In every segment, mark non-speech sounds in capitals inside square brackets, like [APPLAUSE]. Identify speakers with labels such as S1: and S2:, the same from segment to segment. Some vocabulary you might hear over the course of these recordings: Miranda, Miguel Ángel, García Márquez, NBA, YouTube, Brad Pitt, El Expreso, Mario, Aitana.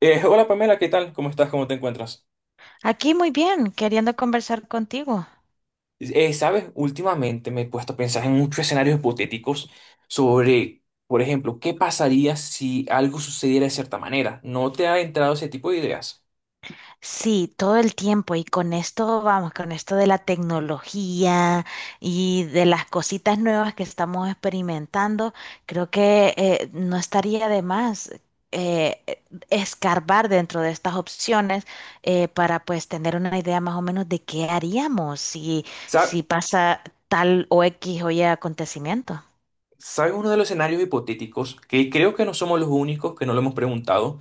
S1: Hola Pamela, ¿qué tal? ¿Cómo estás? ¿Cómo te encuentras?
S2: Aquí muy bien, queriendo conversar contigo.
S1: Sabes, últimamente me he puesto a pensar en muchos escenarios hipotéticos sobre, por ejemplo, qué pasaría si algo sucediera de cierta manera. ¿No te ha entrado ese tipo de ideas?
S2: Sí, todo el tiempo y con esto, vamos, con esto de la tecnología y de las cositas nuevas que estamos experimentando, creo que no estaría de más eh, eh, escarbar dentro de estas opciones para pues tener una idea más o menos de qué haríamos si,
S1: Sa-
S2: si pasa tal o X o Y acontecimiento.
S1: ¿Sabes uno de los escenarios hipotéticos? Que creo que no somos los únicos que no lo hemos preguntado,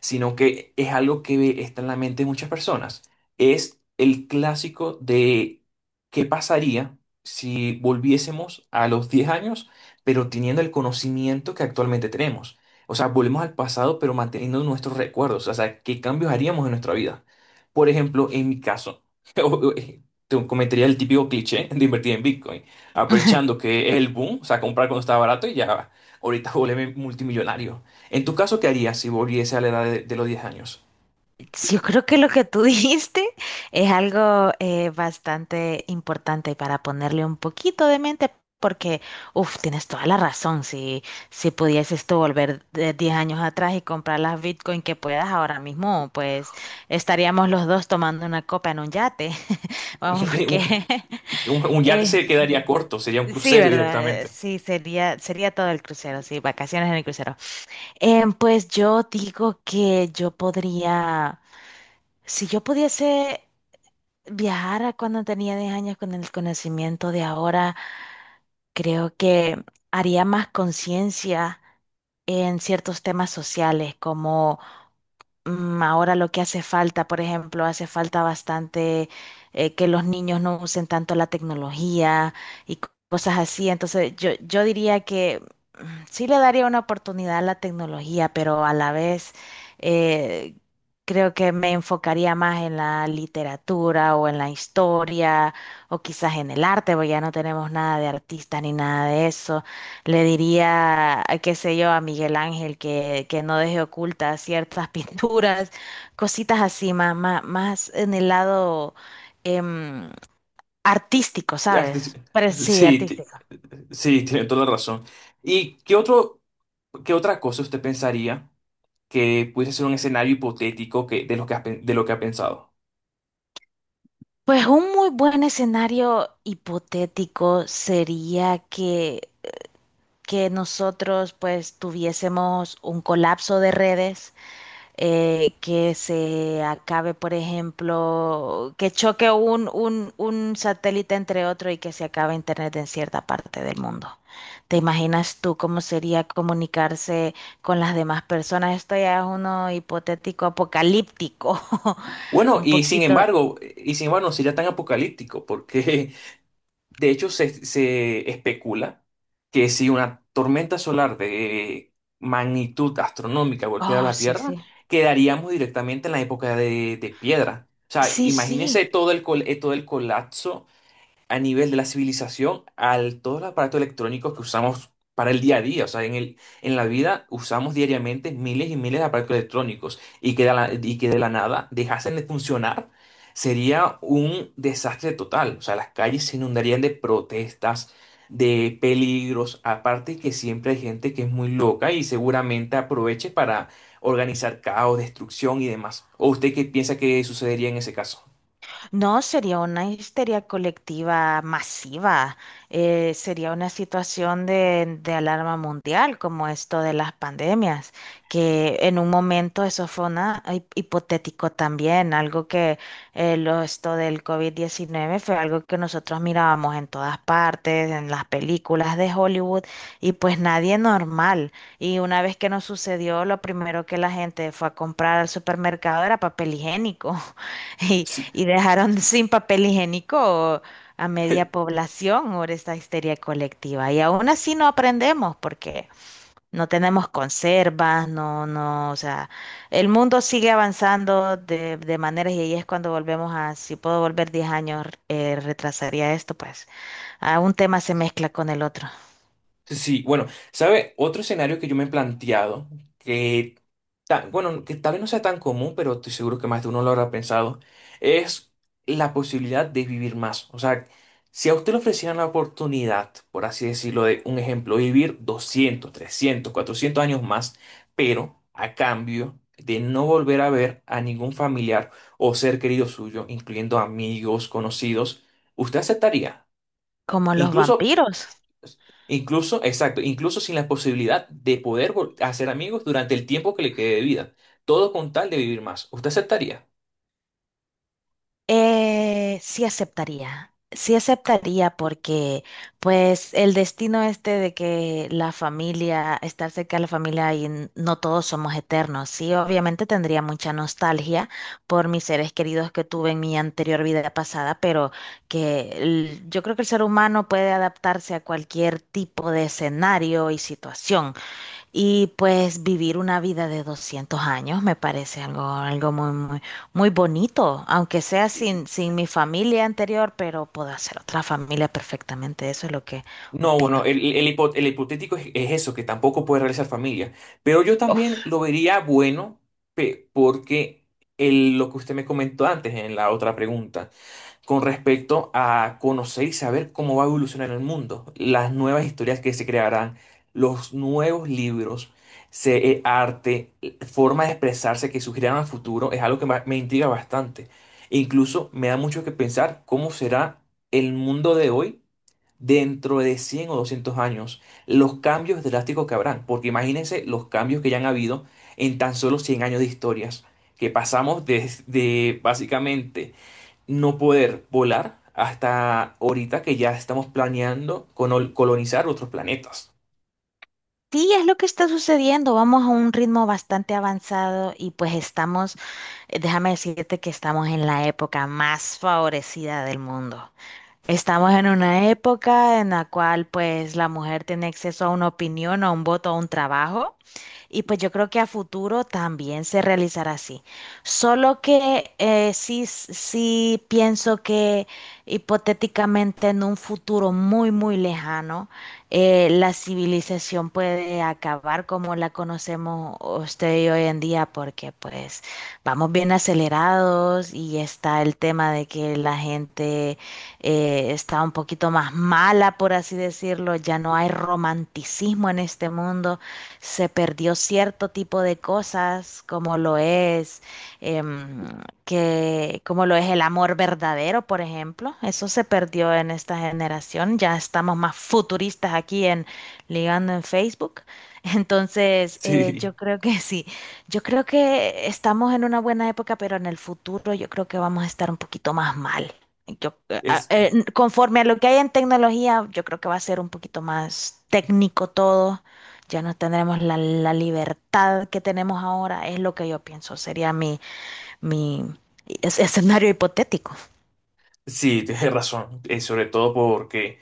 S1: sino que es algo que está en la mente de muchas personas. Es el clásico de qué pasaría si volviésemos a los 10 años, pero teniendo el conocimiento que actualmente tenemos. O sea, volvemos al pasado, pero manteniendo nuestros recuerdos. O sea, ¿qué cambios haríamos en nuestra vida? Por ejemplo, en mi caso, [LAUGHS] te comentaría el típico cliché de invertir en Bitcoin
S2: [LAUGHS]
S1: aprovechando que es el boom, o sea, comprar cuando estaba barato y ya ahorita [LAUGHS] volverme multimillonario. En tu caso, ¿qué harías si volviese a la edad de los 10 años?
S2: Sí, yo creo que lo que tú [LAUGHS] dijiste es algo bastante importante para ponerle un poquito de mente, porque, uff, tienes toda la razón. Si, si pudieses tú volver de 10 años atrás y comprar las Bitcoin que puedas ahora mismo, pues estaríamos los dos tomando una copa en un yate. [LAUGHS] Vamos,
S1: [LAUGHS]
S2: porque
S1: Un, un-
S2: [LAUGHS]
S1: un yate
S2: eh,
S1: se quedaría corto, sería un
S2: sí,
S1: crucero
S2: ¿verdad?
S1: directamente.
S2: Sí, sería todo el crucero, sí, vacaciones en el crucero. Pues yo digo que yo podría, si yo pudiese viajar a cuando tenía 10 años con el conocimiento de ahora, creo que haría más conciencia en ciertos temas sociales, como. Ahora lo que hace falta, por ejemplo, hace falta bastante que los niños no usen tanto la tecnología y cosas así. Entonces, yo diría que mm, sí le daría una oportunidad a la tecnología, pero a la vez eh, creo que me enfocaría más en la literatura o en la historia o quizás en el arte, porque ya no tenemos nada de artistas ni nada de eso. Le diría, qué sé yo, a Miguel Ángel que, no deje ocultas ciertas [LAUGHS] pinturas, cositas así, más en el lado em, artístico, ¿sabes? Pero sí,
S1: Sí,
S2: artístico.
S1: sí, tiene toda la razón. ¿Y qué otro, qué otra cosa usted pensaría que pudiese ser un escenario hipotético que, de lo que ha, de lo que ha pensado?
S2: Pues un muy buen escenario hipotético sería que nosotros pues tuviésemos un colapso de redes que se acabe, por ejemplo, que choque un satélite entre otro y que se acabe Internet en cierta parte del mundo. ¿Te imaginas tú cómo sería comunicarse con las demás personas? Esto ya es uno hipotético apocalíptico, [LAUGHS]
S1: Bueno,
S2: un poquito.
S1: y sin embargo, no sería tan apocalíptico, porque de hecho, se especula que si una tormenta solar de magnitud astronómica golpeara
S2: Oh,
S1: la
S2: sí,
S1: Tierra,
S2: sí.
S1: quedaríamos directamente en la época de piedra. O sea,
S2: Sí,
S1: imagínese
S2: sí.
S1: todo el, todo el colapso a nivel de la civilización al todos los aparatos electrónicos que usamos para el día a día. O sea, en la vida usamos diariamente miles y miles de aparatos electrónicos y que de la, y que de la nada dejasen de funcionar. Sería un desastre total. O sea, las calles se inundarían de protestas, de peligros. Aparte que siempre hay gente que es muy loca y seguramente aproveche para organizar caos, destrucción y demás. ¿O usted qué piensa que sucedería en ese caso?
S2: No, sería una histeria colectiva masiva, sería una situación de alarma mundial como esto de las pandemias, que en un momento eso fue una hipotético también, algo que esto del COVID-19 fue algo que nosotros mirábamos en todas partes, en las películas de Hollywood, y pues nadie normal. Y una vez que nos sucedió, lo primero que la gente fue a comprar al supermercado era papel higiénico. [LAUGHS] Y, y dejaron [LAUGHS] sin papel higiénico a media
S1: [LAUGHS]
S2: población por esta histeria colectiva. Y aún así no aprendemos porque no tenemos conservas, no, no, o sea, el mundo sigue avanzando de maneras y ahí es cuando volvemos a, si puedo volver 10 años, retrasaría esto, pues a un tema se mezcla con el otro,
S1: Sí, bueno, ¿sabe? Otro escenario que yo me he planteado, que, bueno, que tal vez no sea tan común, pero estoy seguro que más de uno lo habrá pensado, es la posibilidad de vivir más. O sea, si a usted le ofrecieran la oportunidad, por así decirlo, de un ejemplo, vivir 200, 300, 400 años más, pero a cambio de no volver a ver a ningún familiar o ser querido suyo, incluyendo amigos, conocidos, ¿usted aceptaría?
S2: como los
S1: Incluso,
S2: vampiros.
S1: incluso, exacto, incluso sin la posibilidad de poder hacer amigos durante el tiempo que le quede de vida. Todo con tal de vivir más. ¿Usted aceptaría?
S2: Sí aceptaría, sí aceptaría porque pues el destino este de que la familia, estar cerca de la familia y no todos somos eternos, sí, obviamente tendría mucha nostalgia por mis seres queridos que tuve en mi anterior vida pasada, pero yo creo que el ser humano puede adaptarse a cualquier tipo de escenario y situación. Y pues vivir una vida de 200 años me parece algo, algo muy bonito, aunque sea sin, sin mi familia anterior, pero puedo hacer otra familia perfectamente. Eso es lo que
S1: No,
S2: opino.
S1: bueno, el hipotético es eso, que tampoco puede realizar familia. Pero yo también lo vería bueno, porque lo que usted me comentó antes en la otra pregunta, con respecto a conocer y saber cómo va a evolucionar el mundo, las nuevas historias que se crearán, los nuevos libros, arte, forma de expresarse que surgirán al futuro, es algo que me intriga bastante. E incluso me da mucho que pensar cómo será el mundo de hoy dentro de 100 o 200 años, los cambios drásticos que habrán, porque imagínense los cambios que ya han habido en tan solo 100 años de historias, que pasamos desde básicamente no poder volar hasta ahorita que ya estamos planeando colonizar otros planetas. [LAUGHS]
S2: Sí, es lo que está sucediendo. Vamos a un ritmo bastante avanzado y pues estamos, déjame decirte que estamos en la época más favorecida del mundo. Estamos en una época en la cual pues la mujer tiene acceso a una opinión, a un voto, a un trabajo y pues yo creo que a futuro también se realizará así. Solo que sí, sí pienso que hipotéticamente en un futuro muy lejano, la civilización puede acabar como la conocemos usted y hoy en día, porque pues vamos bien acelerados y está el tema de que la gente está un poquito más mala, por así decirlo, ya no hay romanticismo en este mundo, se perdió cierto tipo de cosas, como lo es, em, como lo es el amor verdadero, por ejemplo. Eso se perdió en esta generación. Ya estamos más futuristas aquí en Ligando en Facebook. [LAUGHS] Entonces,
S1: Sí,
S2: yo creo que sí. Yo creo que estamos en una buena época, pero en el futuro yo creo que vamos a estar un poquito más mal.
S1: es,
S2: Conforme a lo que hay en tecnología, yo creo que va a ser un poquito más técnico todo, ya no tendremos la libertad que tenemos ahora, es lo que yo pienso, sería mi escenario hipotético.
S1: sí, tienes razón. Sobre todo porque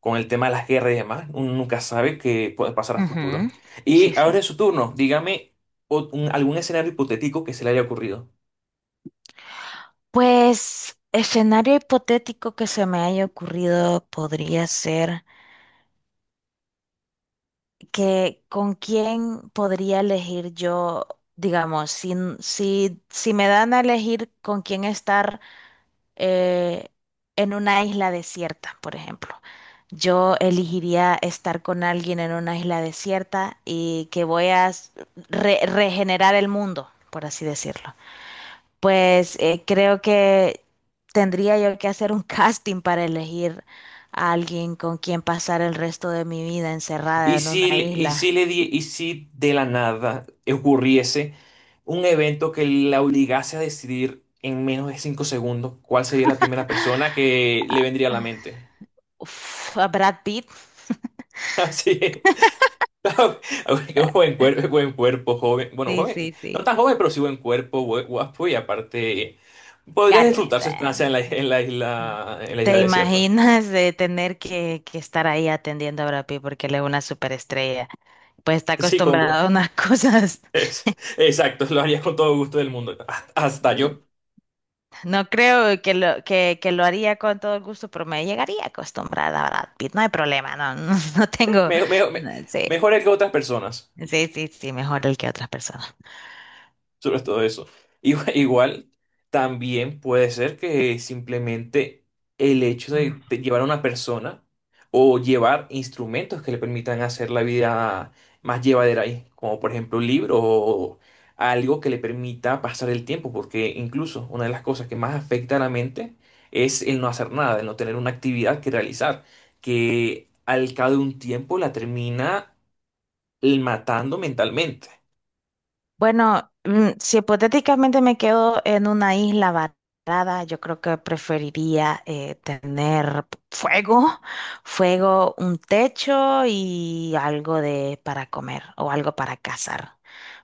S1: con el tema de las guerras y demás, uno nunca sabe qué puede pasar a futuro.
S2: Ujú. Sí,
S1: Y
S2: sí.
S1: ahora es su turno. Dígame algún escenario hipotético que se le haya ocurrido.
S2: Pues escenario hipotético que se me haya ocurrido podría ser que con quién podría elegir yo, digamos, si me dan a elegir con quién estar eh, en una isla desierta, por ejemplo. Yo elegiría estar con alguien en una isla desierta y que voy a regenerar el mundo, por así decirlo. Pues creo que tendría yo que hacer un [LAUGHS] casting para elegir a alguien con quien pasar el resto de mi vida encerrada en una
S1: Y
S2: isla.
S1: si y si de la nada ocurriese un evento que la obligase a decidir en menos de 5 segundos cuál sería la primera persona que le vendría a la mente?
S2: Uf, a Brad Pitt.
S1: [LAUGHS] Así es. [LAUGHS] Qué buen cuerpo, joven. Bueno,
S2: Sí,
S1: joven,
S2: sí,
S1: no
S2: sí.
S1: tan joven, pero sí buen cuerpo, guapo y aparte podrías
S2: Gary.
S1: disfrutar su estancia
S2: Mm.
S1: en la isla
S2: ¿Te
S1: desierta.
S2: imaginas de tener que estar ahí atendiendo a Brad Pitt porque él es una superestrella? Pues está
S1: Sí,
S2: acostumbrado a unas [LAUGHS] cosas.
S1: es- exacto, lo haría con todo gusto del mundo. Hasta
S2: Eh,
S1: yo.
S2: No creo que que lo haría con todo el gusto, pero me llegaría acostumbrada a Brad Pitt. No hay problema, no, no, [LAUGHS] no tengo.
S1: Me- me- me-
S2: No, sí,
S1: Mejor él que otras personas,
S2: sí, sí, sí, mejor el que otras personas.
S1: sobre todo eso. [LAUGHS] Igual, igual también puede ser que simplemente el hecho de llevar a una persona o llevar instrumentos que le permitan hacer la vida más llevadera ahí, como por ejemplo un libro o algo que le permita pasar el tiempo, porque incluso una de las cosas que más afecta a la mente es el no hacer nada, el no tener una actividad que realizar, que al cabo de un tiempo la termina matando mentalmente.
S2: Bueno, si hipotéticamente me quedo en una isla varada, yo creo que preferiría tener fuego, [LAUGHS] fuego, un techo y algo de para comer o algo para cazar,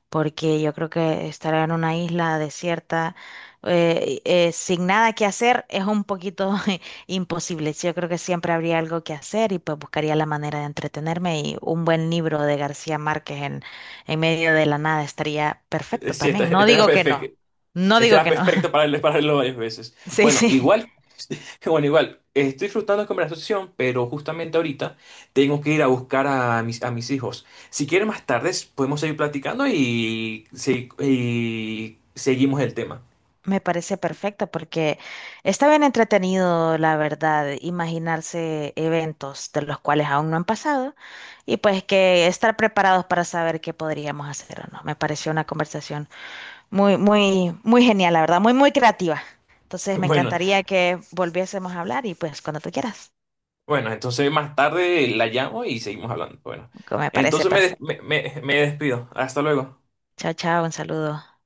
S2: porque yo creo que estar en una isla desierta, sin nada que hacer, es un poquito [LAUGHS] imposible. Yo creo que siempre habría algo que hacer y pues buscaría la manera de entretenerme, y un buen libro de García Márquez en medio de la nada estaría
S1: [LAUGHS]
S2: perfecto
S1: Sí, esta,
S2: también. No
S1: esta era
S2: digo que
S1: perfecta.
S2: no, no
S1: Este
S2: digo
S1: era
S2: que no.
S1: perfecto
S2: [LAUGHS]
S1: [LAUGHS] para leerlo varias veces.
S2: Sí,
S1: Bueno,
S2: sí.
S1: igual, [LAUGHS] bueno, igual, estoy disfrutando la conversación, pero justamente ahorita tengo que ir a buscar a mis hijos. Si quieren más tarde podemos seguir platicando y seguimos el tema. [LAUGHS]
S2: Me parece perfecto porque está bien entretenido, la verdad, imaginarse eventos de los cuales aún no han pasado y pues que estar preparados para saber qué podríamos hacer o no. Me pareció una conversación muy genial, la verdad, muy creativa. Entonces me
S1: Bueno,
S2: encantaría que volviésemos a hablar y pues cuando tú quieras,
S1: bueno, entonces más tarde la llamo y seguimos hablando. Bueno,
S2: que me parece
S1: entonces
S2: perfecto.
S1: me despido. Hasta luego.
S2: Chao, chao, un saludo.